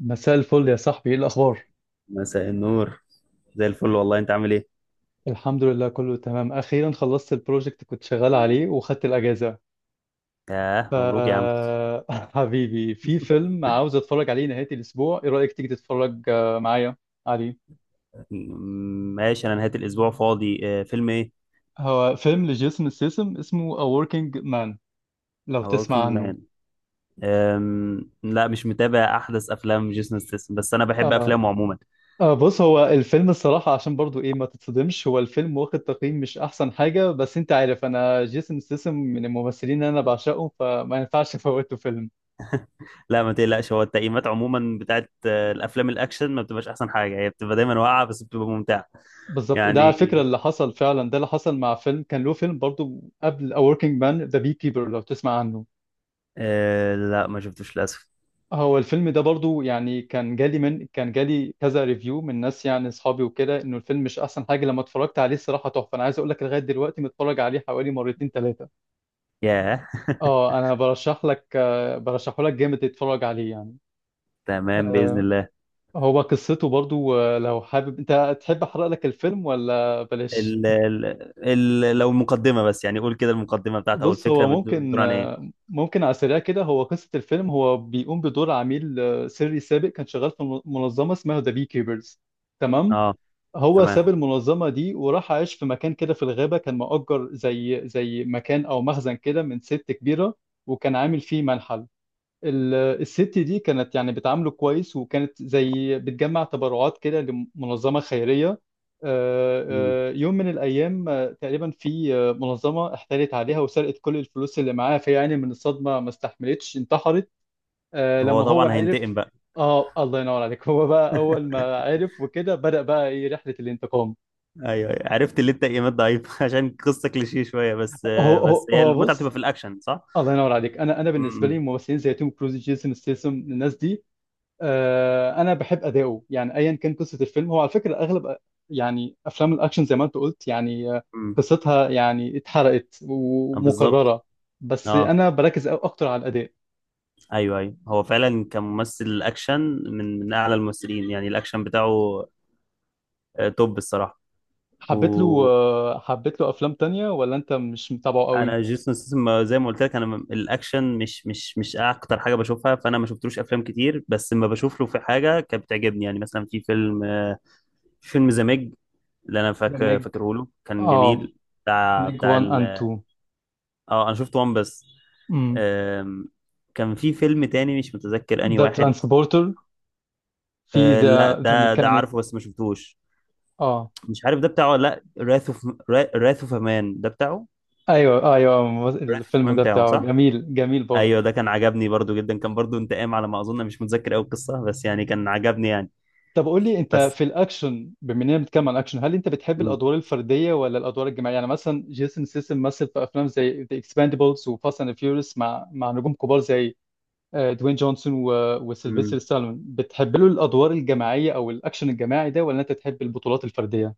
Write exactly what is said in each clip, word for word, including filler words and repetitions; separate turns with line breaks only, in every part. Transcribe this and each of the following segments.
مساء الفل يا صاحبي، ايه الاخبار؟
مساء النور. زي الفل، والله. انت عامل ايه؟
الحمد لله، كله تمام. اخيرا خلصت البروجكت كنت شغال عليه وخدت الاجازه.
ياه،
ف
مبروك يا عم.
حبيبي، في فيلم عاوز اتفرج عليه نهايه الاسبوع. ايه رايك تيجي تتفرج آه، معايا عليه؟
م- ماشي، انا نهاية الاسبوع فاضي. آه، فيلم ايه؟
هو فيلم لجيسون ستاثام، اسمه A Working Man، لو
A
تسمع
Working
عنه.
Man. أم... لا، مش متابع احدث افلام جيسون ستاثام، بس انا بحب
آه.
افلامه عموما.
آه بص، هو الفيلم الصراحة عشان برضو ايه، ما تتصدمش، هو الفيلم واخد تقييم مش أحسن حاجة، بس أنت عارف أنا جيسون ستاثام من الممثلين اللي أنا بعشقه، فما ينفعش أفوته فيلم.
لا، ما تقلقش، هو التقييمات عموما بتاعت آه، الافلام الاكشن ما بتبقاش احسن حاجة، هي بتبقى دايما واقعة بس بتبقى ممتعة.
بالظبط، ده
يعني
على فكرة اللي حصل فعلا. ده اللي حصل مع فيلم كان له فيلم برضو قبل A Working Man، The Beekeeper، لو تسمع عنه.
أه... لا، ما شفتوش للاسف.
هو الفيلم ده برضو يعني كان جالي من كان جالي كذا ريفيو من ناس يعني اصحابي وكده انه الفيلم مش احسن حاجة. لما اتفرجت عليه، الصراحة تحفة. انا عايز اقول لك، لغاية دلوقتي متفرج عليه حوالي مرتين ثلاثة.
ياه.
اه، انا برشح لك، آه، برشحه لك جامد تتفرج عليه يعني.
تمام، بإذن
آه،
الله.
هو قصته برضو، آه، لو حابب انت تحب احرق لك الفيلم ولا بلاش.
ال... ال... ال... لو المقدمة بس، يعني قول كده، المقدمة بتاعت او
بص،
الفكرة
هو ممكن،
بتدور عن ايه؟
ممكن على السريع كده، هو قصة الفيلم، هو بيقوم بدور عميل آه، سري سابق، كان شغال في من- منظمة اسمها ذا بي كيبرز. تمام.
اه.
هو ساب
تمام.
المنظمة دي وراح عايش في مكان كده في الغابة، كان مؤجر زي زي مكان أو مخزن كده من ست كبيرة، وكان عامل فيه منحل. ال- الست دي كانت يعني بتعامله كويس، وكانت زي بتجمع تبرعات كده لمنظمة خيرية. آه،
مم.
آه، يوم من الأيام آه، تقريبا في آه، منظمة احتالت عليها وسرقت كل الفلوس اللي معاها، فيعني من الصدمة ما استحملتش، انتحرت. آه،
هو
لما هو
طبعا هينتقم
عرف.
بقى.
اه، الله ينور عليك. هو بقى أول ما عرف وكده بدأ بقى ايه، رحلة الانتقام.
ايوه، أيوة. عرفت اللي انت ايمات ضعيف. عشان قصه كليشيه شويه، بس.
هو
بس
هو
هي
هو
المتعه بتبقى
بص،
في الاكشن، صح؟
الله ينور عليك. انا انا بالنسبه لي
امم.
ممثلين زي توم كروز، جيسون ستيسم، الناس دي آه، انا بحب اداؤه. يعني ايا كان قصه الفيلم، هو على فكره اغلب يعني افلام الاكشن زي ما انت قلت يعني، آه،
امم.
قصتها يعني اتحرقت
آه، بالظبط.
ومكرره. بس
اه،
انا بركز أو- اكتر على الاداء.
ايوه ايوه، هو فعلا كممثل اكشن من من اعلى الممثلين، يعني الاكشن بتاعه آه، توب الصراحه.
حبيت له،
وانا
آه، حبيت له افلام تانية ولا انت مش متابعه قوي؟
جيسون ستاثام، زي ما قلت لك، انا م- الاكشن مش مش مش اكتر حاجه بشوفها، فانا ما شفتلوش افلام كتير، بس لما بشوف له في حاجه كانت بتعجبني. يعني مثلا في فيلم آه، فيلم ذا ميج اللي انا
ذا
فاكر
ميج.
فاكره له، كان
اه،
جميل. بتاع
ميج
بتاع
وان اند
ال...
تو.
اه، انا شفت وان بس.
امم،
آم، كان في فيلم تاني مش متذكر انهي
ذا
واحد.
ترانسبورتر، في
آه لا،
ذا ذا
ده ده
ميكانيك.
عارفه بس ما شفتوش.
اه،
مش عارف ده بتاعه ولا... لا، راث اوف، راث اوف امان ده بتاعه.
ايوه ايوه،
راث اوف
الفيلم
امان
ده
بتاعه،
بتاعه
صح.
جميل، جميل برضه.
ايوه، ده كان عجبني برضو جدا، كان برضو انتقام على ما اظن، مش متذكر قوي القصه بس يعني كان عجبني يعني.
طب قول لي، انت
بس.
في الاكشن، بما اننا بنتكلم عن الاكشن، هل انت بتحب
مم.
الادوار الفرديه ولا الادوار الجماعيه؟ يعني مثلا جيسون سيسم مثل في افلام زي ذا اكسباندبلز وفاست اند فيوريوس مع مع نجوم كبار زي آه، دوين جونسون و- وسيلفستر
مم.
ستالون. بتحب له الادوار الجماعيه او الاكشن الجماعي ده، ولا انت تحب البطولات الفرديه؟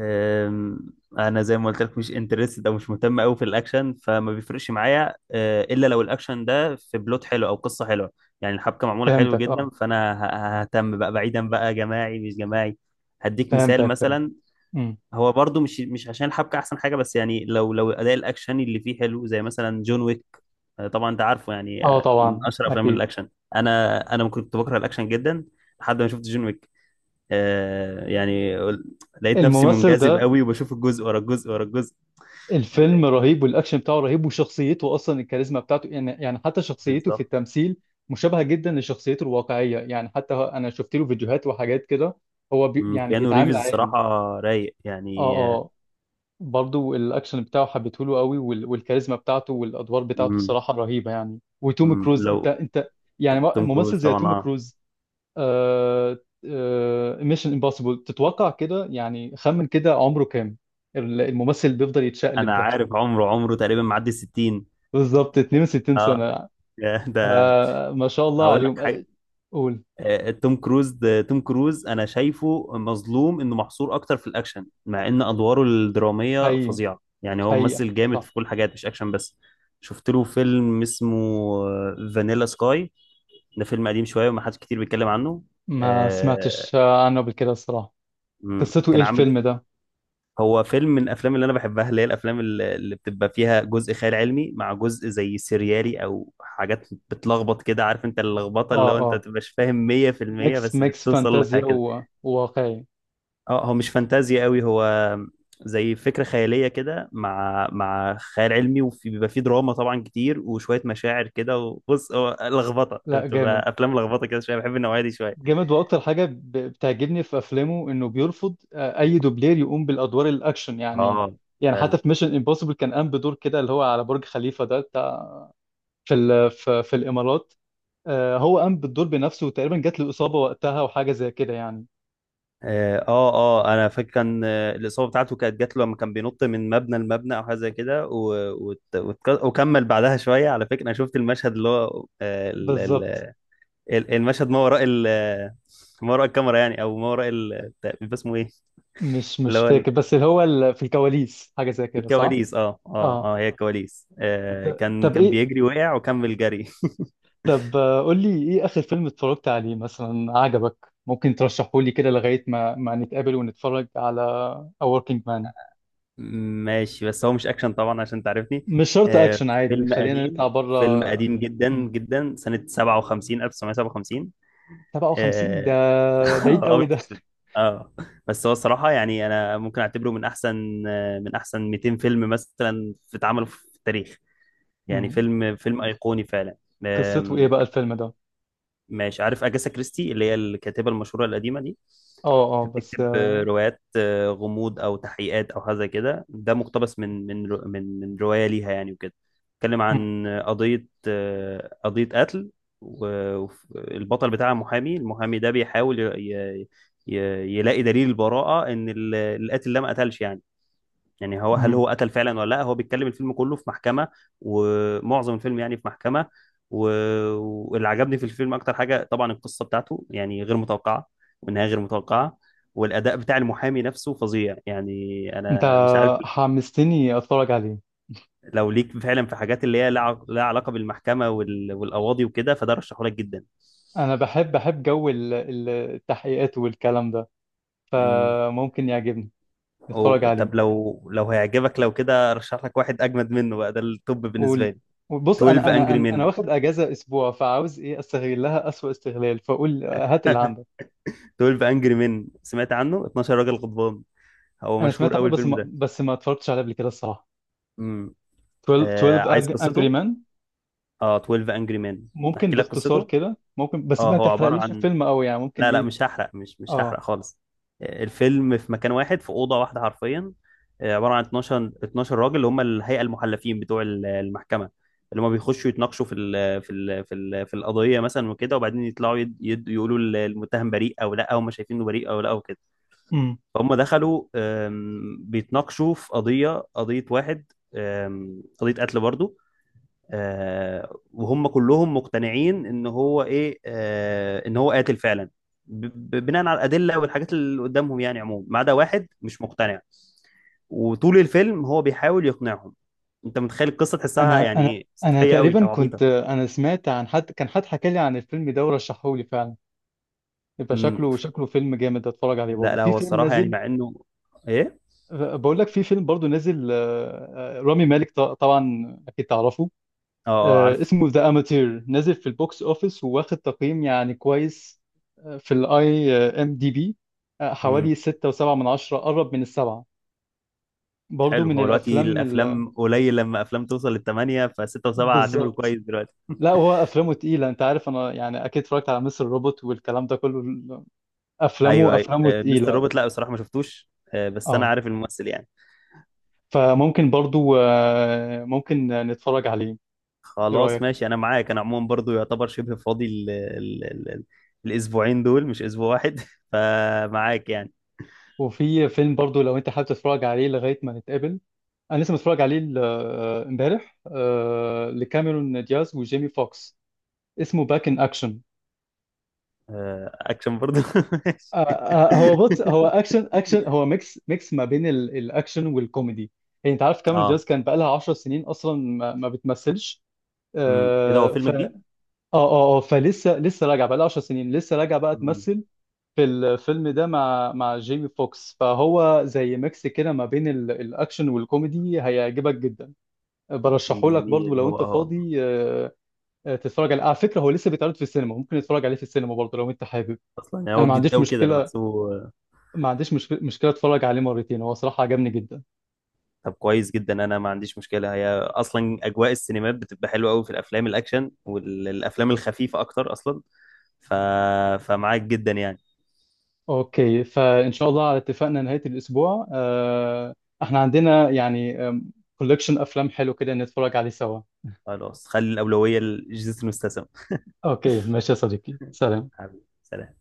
أم، انا زي ما قلت لك مش انترستد او مش مهتم قوي في الاكشن، فما بيفرقش معايا أه، الا لو الاكشن ده في بلوت حلو او قصه حلوه. يعني الحبكه معموله حلو
فهمتك
جدا،
اه.
فانا ه- ههتم بقى، بعيدا بقى جماعي مش جماعي. هديك مثال
فهمتك، فهمتك.
مثلا.
امم.
هو برضو مش مش عشان الحبكه احسن حاجه، بس يعني لو لو اداء الاكشن اللي فيه حلو زي مثلا جون ويك. أه، طبعا انت عارفه، يعني
اه
أه، من
طبعا
اشهر افلام
اكيد.
الاكشن. انا انا كنت بكره الاكشن جدا لحد ما شفت جون ويك. آه يعني لقيت نفسي
الممثل
منجذب
ده
قوي، وبشوف الجزء ورا الجزء ورا الجزء. ال- ال-
الفيلم رهيب، والاكشن بتاعه رهيب، وشخصيته اصلا الكاريزما بتاعته، يعني يعني حتى شخصيته في
بالظبط.
التمثيل مشابهه جدا لشخصيته الواقعيه، يعني حتى هو- انا شفت له فيديوهات وحاجات كده. هو بي
مم،
يعني
كيانو
بيتعامل
ريفز
عادي.
الصراحة رايق،
اه
يعني آه،
اه. برضو الاكشن بتاعه حبيته له قوي، وال- والكاريزما بتاعته والادوار بتاعته
مم،
الصراحه رهيبه يعني. وتوم
مم،
كروز، انت
لو
انت يعني م-
توم
ممثل
كروز،
زي
طبعا
توم
اه.
كروز. آه. آه ميشن امبوسيبل، تتوقع كده، يعني خمن كده عمره كام. ال- الممثل اللي بيفضل يتشقلب
انا
ده
عارف عمره، عمره تقريبا معدي الستين.
بالظبط اثنين وستين
اه.
سنة.
ده،
آه ما شاء الله
هقول لك
عليهم.
حاجة.
آه، قول.
آه، توم كروز، ده توم كروز انا شايفه مظلوم انه محصور اكتر في الاكشن، مع ان ادواره الدراميه
حقيقي،
فظيعه. يعني هو
حقيقي،
ممثل جامد
صح.
في كل حاجات مش اكشن بس. شفت له فيلم اسمه فانيلا سكاي، ده فيلم قديم شويه وما حدش كتير بيتكلم عنه.
ما
آه،
سمعتش آه، عنه قبل كده الصراحة.
مم،
قصته ايه
كان عامل.
الفيلم ده؟
هو فيلم من الافلام اللي انا بحبها، اللي هي الافلام اللي اللي بتبقى فيها جزء خيال علمي مع جزء زي سيريالي، او حاجات بتلخبط كده، عارف انت اللخبطه،
اه
اللي هو انت ما
اه،
تبقاش فاهم مية في المية،
ميكس،
بس
ميكس
بتوصل
فانتازيا
لحاجه كده.
و- وواقعي.
اه، هو مش فانتازيا قوي. هو زي فكرة خيالية كده مع مع خيال علمي، وفي بيبقى فيه دراما طبعا كتير وشوية مشاعر كده. وبص، هو لخبطة،
لا جامد.
بتبقى أفلام لخبطة كده شوية، بحب النوعية دي شوية.
جامد، واكتر حاجة ب- بتعجبني في افلامه انه بيرفض آه، اي دوبلير يقوم بالادوار الاكشن يعني.
اه،
يعني حتى
فعلا.
في ميشن امبوسيبل كان قام بدور كده اللي هو على برج خليفة ده، بتاع في ال- في في الامارات. آه، هو قام بالدور بنفسه، وتقريبا جات له إصابة وقتها وحاجة زي كده يعني.
اه اه، آه، انا فاكر كان آه، الاصابه بتاعته كانت جات له لما كان بينط من مبنى لمبنى، او حاجه زي كده. و- وت- وتك- وكمل بعدها شويه. على فكره انا شفت المشهد اللي هو آه، ال- ال-
بالظبط.
ال- المشهد ما وراء ال- ما وراء الكاميرا، يعني، او ما وراء ال- بيبقى اسمه ايه؟
مش
اللي
مش
هو
فاكر، بس اللي هو ال- في الكواليس حاجة زي كده، صح؟
الكواليس، اه اه
اه.
اه، هي الكواليس. آه، كان
طب
كان
ايه.
بيجري، وقع وكمل جري.
طب آه، قول لي ايه آخر فيلم اتفرجت عليه مثلا عجبك، ممكن ترشحه لي كده لغاية ما ما نتقابل ونتفرج على A Working Man.
ماشي، بس هو مش اكشن طبعا عشان تعرفني.
مش شرط
آه
اكشن، عادي
فيلم
خلينا
قديم،
نطلع بره.
فيلم قديم جدا جدا، سنة سبعة وخمسين ألف وتسعمية وسبعة وخمسين.
سبعة وخمسين ده؟
اه.
بعيد
ابيض
قوي ده.
وأسود. اه، بس هو الصراحة يعني انا ممكن اعتبره من احسن آه، من احسن مئتين فيلم مثلا في اتعملوا في التاريخ. يعني
مم.
فيلم فيلم ايقوني فعلا.
قصته ايه بقى الفيلم ده؟
ماشي. عارف أجاسا كريستي اللي هي الكاتبة المشهورة القديمة دي؟
اه اه، بس.
بتكتب روايات آه، غموض او تحقيقات او حاجه زي كده. ده مقتبس من من رو- من من روايه ليها، يعني وكده. بتتكلم عن قضيه آه، قضيه قتل، والبطل بتاعها محامي. المحامي ده بيحاول ي- ي- ي- يلاقي دليل البراءه ان ال- القاتل ده ما قتلش، يعني. يعني هو، هل
مم.
هو قتل فعلا ولا لا؟ هو بيتكلم الفيلم كله في محكمة، ومعظم الفيلم يعني في محكمة. و... واللي عجبني في الفيلم اكتر حاجة طبعا القصة بتاعته، يعني غير متوقعة، والنهاية غير متوقعة، والاداء بتاع المحامي نفسه فظيع. يعني
انت
انا مش عارف.
حمستني اتفرج عليه.
لو ليك فعلا في حاجات اللي هي لها لها علاقة بالمحكمة وال... والقواضي وكده، فده رشحه لك جدا.
انا بحب بحب جو ال- ال- التحقيقات والكلام ده،
امم.
فممكن يعجبني. نتفرج
أو...
عليه.
طب لو لو هيعجبك، لو كده، رشح لك واحد اجمد منه بقى. ده التوب بالنسبة
قول.
لي.
بص، انا
اتناشر
انا
انجري
انا انا
Men.
واخد اجازه اسبوع، فعاوز ايه استغلها اسوأ استغلال. فقول، هات اللي عندك.
اتناشر انجري مين، سمعت عنه؟ اتناشر راجل غضبان. هو
انا
مشهور
سمعت عنه،
قوي
بس
الفيلم
ما
ده.
بس ما اتفرجتش عليه قبل كده الصراحه.
امم.
12
آه،
12
عايز
انجري
قصته.
مان؟
اه، اتناشر انجري مين.
ممكن
احكي لك
باختصار
قصته.
كده، ممكن بس
اه،
ما
هو عبارة
تحرقليش
عن...
الفيلم قوي، يعني ممكن
لا لا،
ايه.
مش هحرق، مش مش هحرق
اه
خالص. آه، الفيلم في مكان واحد، في أوضة واحدة حرفيا. آه، عبارة عن اتناشر اتناشر راجل، اللي هم الهيئة المحلفين بتوع ال- المحكمة. اللي هم بيخشوا يتناقشوا في ال في ال في ال في القضية مثلا وكده، وبعدين يطلعوا يد يد يقولوا ال- المتهم بريء أو لا، هم شايفينه بريء أو لا، وكده. فهم دخلوا آم، بيتناقشوا في قضية قضية واحد، آم، قضية قتل برضو. آه، وهم كلهم مقتنعين ان هو ايه، آه، ان هو قاتل فعلا، ب- ب- بناء على الأدلة والحاجات اللي قدامهم. يعني عموما، ما عدا واحد مش مقتنع. وطول الفيلم هو بيحاول يقنعهم. انت متخيل القصة، تحسها
انا انا
يعني ايه،
انا
سطحية قوي
تقريبا
او
كنت،
عبيطة؟
انا سمعت عن حد، كان حد حكى لي عن الفيلم ده ورشحه لي فعلا. يبقى
مم.
شكله،
ف-
شكله فيلم جامد، اتفرج عليه برضه.
لا لا،
في
هو
فيلم
الصراحة يعني
نازل،
مع انه... ايه.
بقول لك في فيلم برضه نازل آه، آه، رامي مالك، ط- طبعا اكيد تعرفه.
اه. آه،
آه،
عارف.
اسمه ذا اماتير، نازل في البوكس اوفيس وواخد تقييم يعني كويس. آه، في الاي ام دي بي حوالي ستة و7 من عشرة، قرب من السبعة. برضه
حلو.
من
هو دلوقتي
الافلام ال-
الافلام قليل لما افلام توصل للثمانيه، فسته وسبعه اعتبره
بالظبط.
كويس دلوقتي.
لا، هو افلامه تقيله، انت عارف، انا يعني اكيد اتفرجت على مستر روبوت والكلام ده كله.
ايوه
افلامه،
ايوه،
افلامه
آه، مستر
تقيله.
روبوت لا بصراحه ما شفتوش، آه، بس انا
اه.
عارف الممثل يعني.
فممكن برضو، آه، ممكن نتفرج عليه. ايه
خلاص،
رايك؟
ماشي، انا معاك. انا عموما برضو يعتبر شبه فاضي ال ال ال ال الاسبوعين دول، مش اسبوع واحد. فمعاك يعني.
وفي فيلم برضو لو انت حابب تتفرج عليه لغايه ما نتقابل. انا لسه متفرج عليه ال- آه، امبارح، آه، لكاميرون دياز وجيمي فوكس، اسمه باك ان اكشن.
آه، اكشن برضو. ماشي.
هو بص، هو اكشن، اكشن، هو ميكس، ميكس ما بين ال- الاكشن والكوميدي. يعني انت عارف كاميرون دياز
اه.
كان بقالها عشرة سنين اصلا ما ما بتمثلش.
امم، ايه ده، هو
آه،
فيلم
ف اه.
جديد؟
اه آه، فلسه، لسه راجعه بقى لها عشر سنين، لسه راجعه بقى
مم.
تمثل في الفيلم ده مع مع جيمي فوكس. فهو زي ميكس كده ما بين ال- الاكشن والكوميدي، هيعجبك جدا. برشحه لك برضو
جميل،
لو
هو
انت
اه.
فاضي، آه، آه، تتفرج عليه على فكره. هو لسه بيتعرض في السينما، ممكن تتفرج عليه في السينما برضو لو انت حابب.
اصلا يعني
انا
هو
ما
جديد
عنديش
قوي كده انا
مشكله،
بحسبه.
ما عنديش مشكله مشكله اتفرج عليه مرتين، هو صراحه عجبني جدا.
طب كويس جدا، انا ما عنديش مشكله. هي اصلا اجواء السينمات بتبقى حلوه قوي في الافلام الاكشن والافلام الخفيفه اكتر اصلا. ف... فمعاك جدا يعني.
اوكي، فان شاء الله على اتفاقنا نهايه الاسبوع، آه، احنا عندنا يعني كولكشن افلام حلو كده نتفرج عليه سوا.
خلاص، خلي الاولويه لجيسون ستاثام.
اوكي، ماشي يا صديقي، سلام.
حبيبي سلام.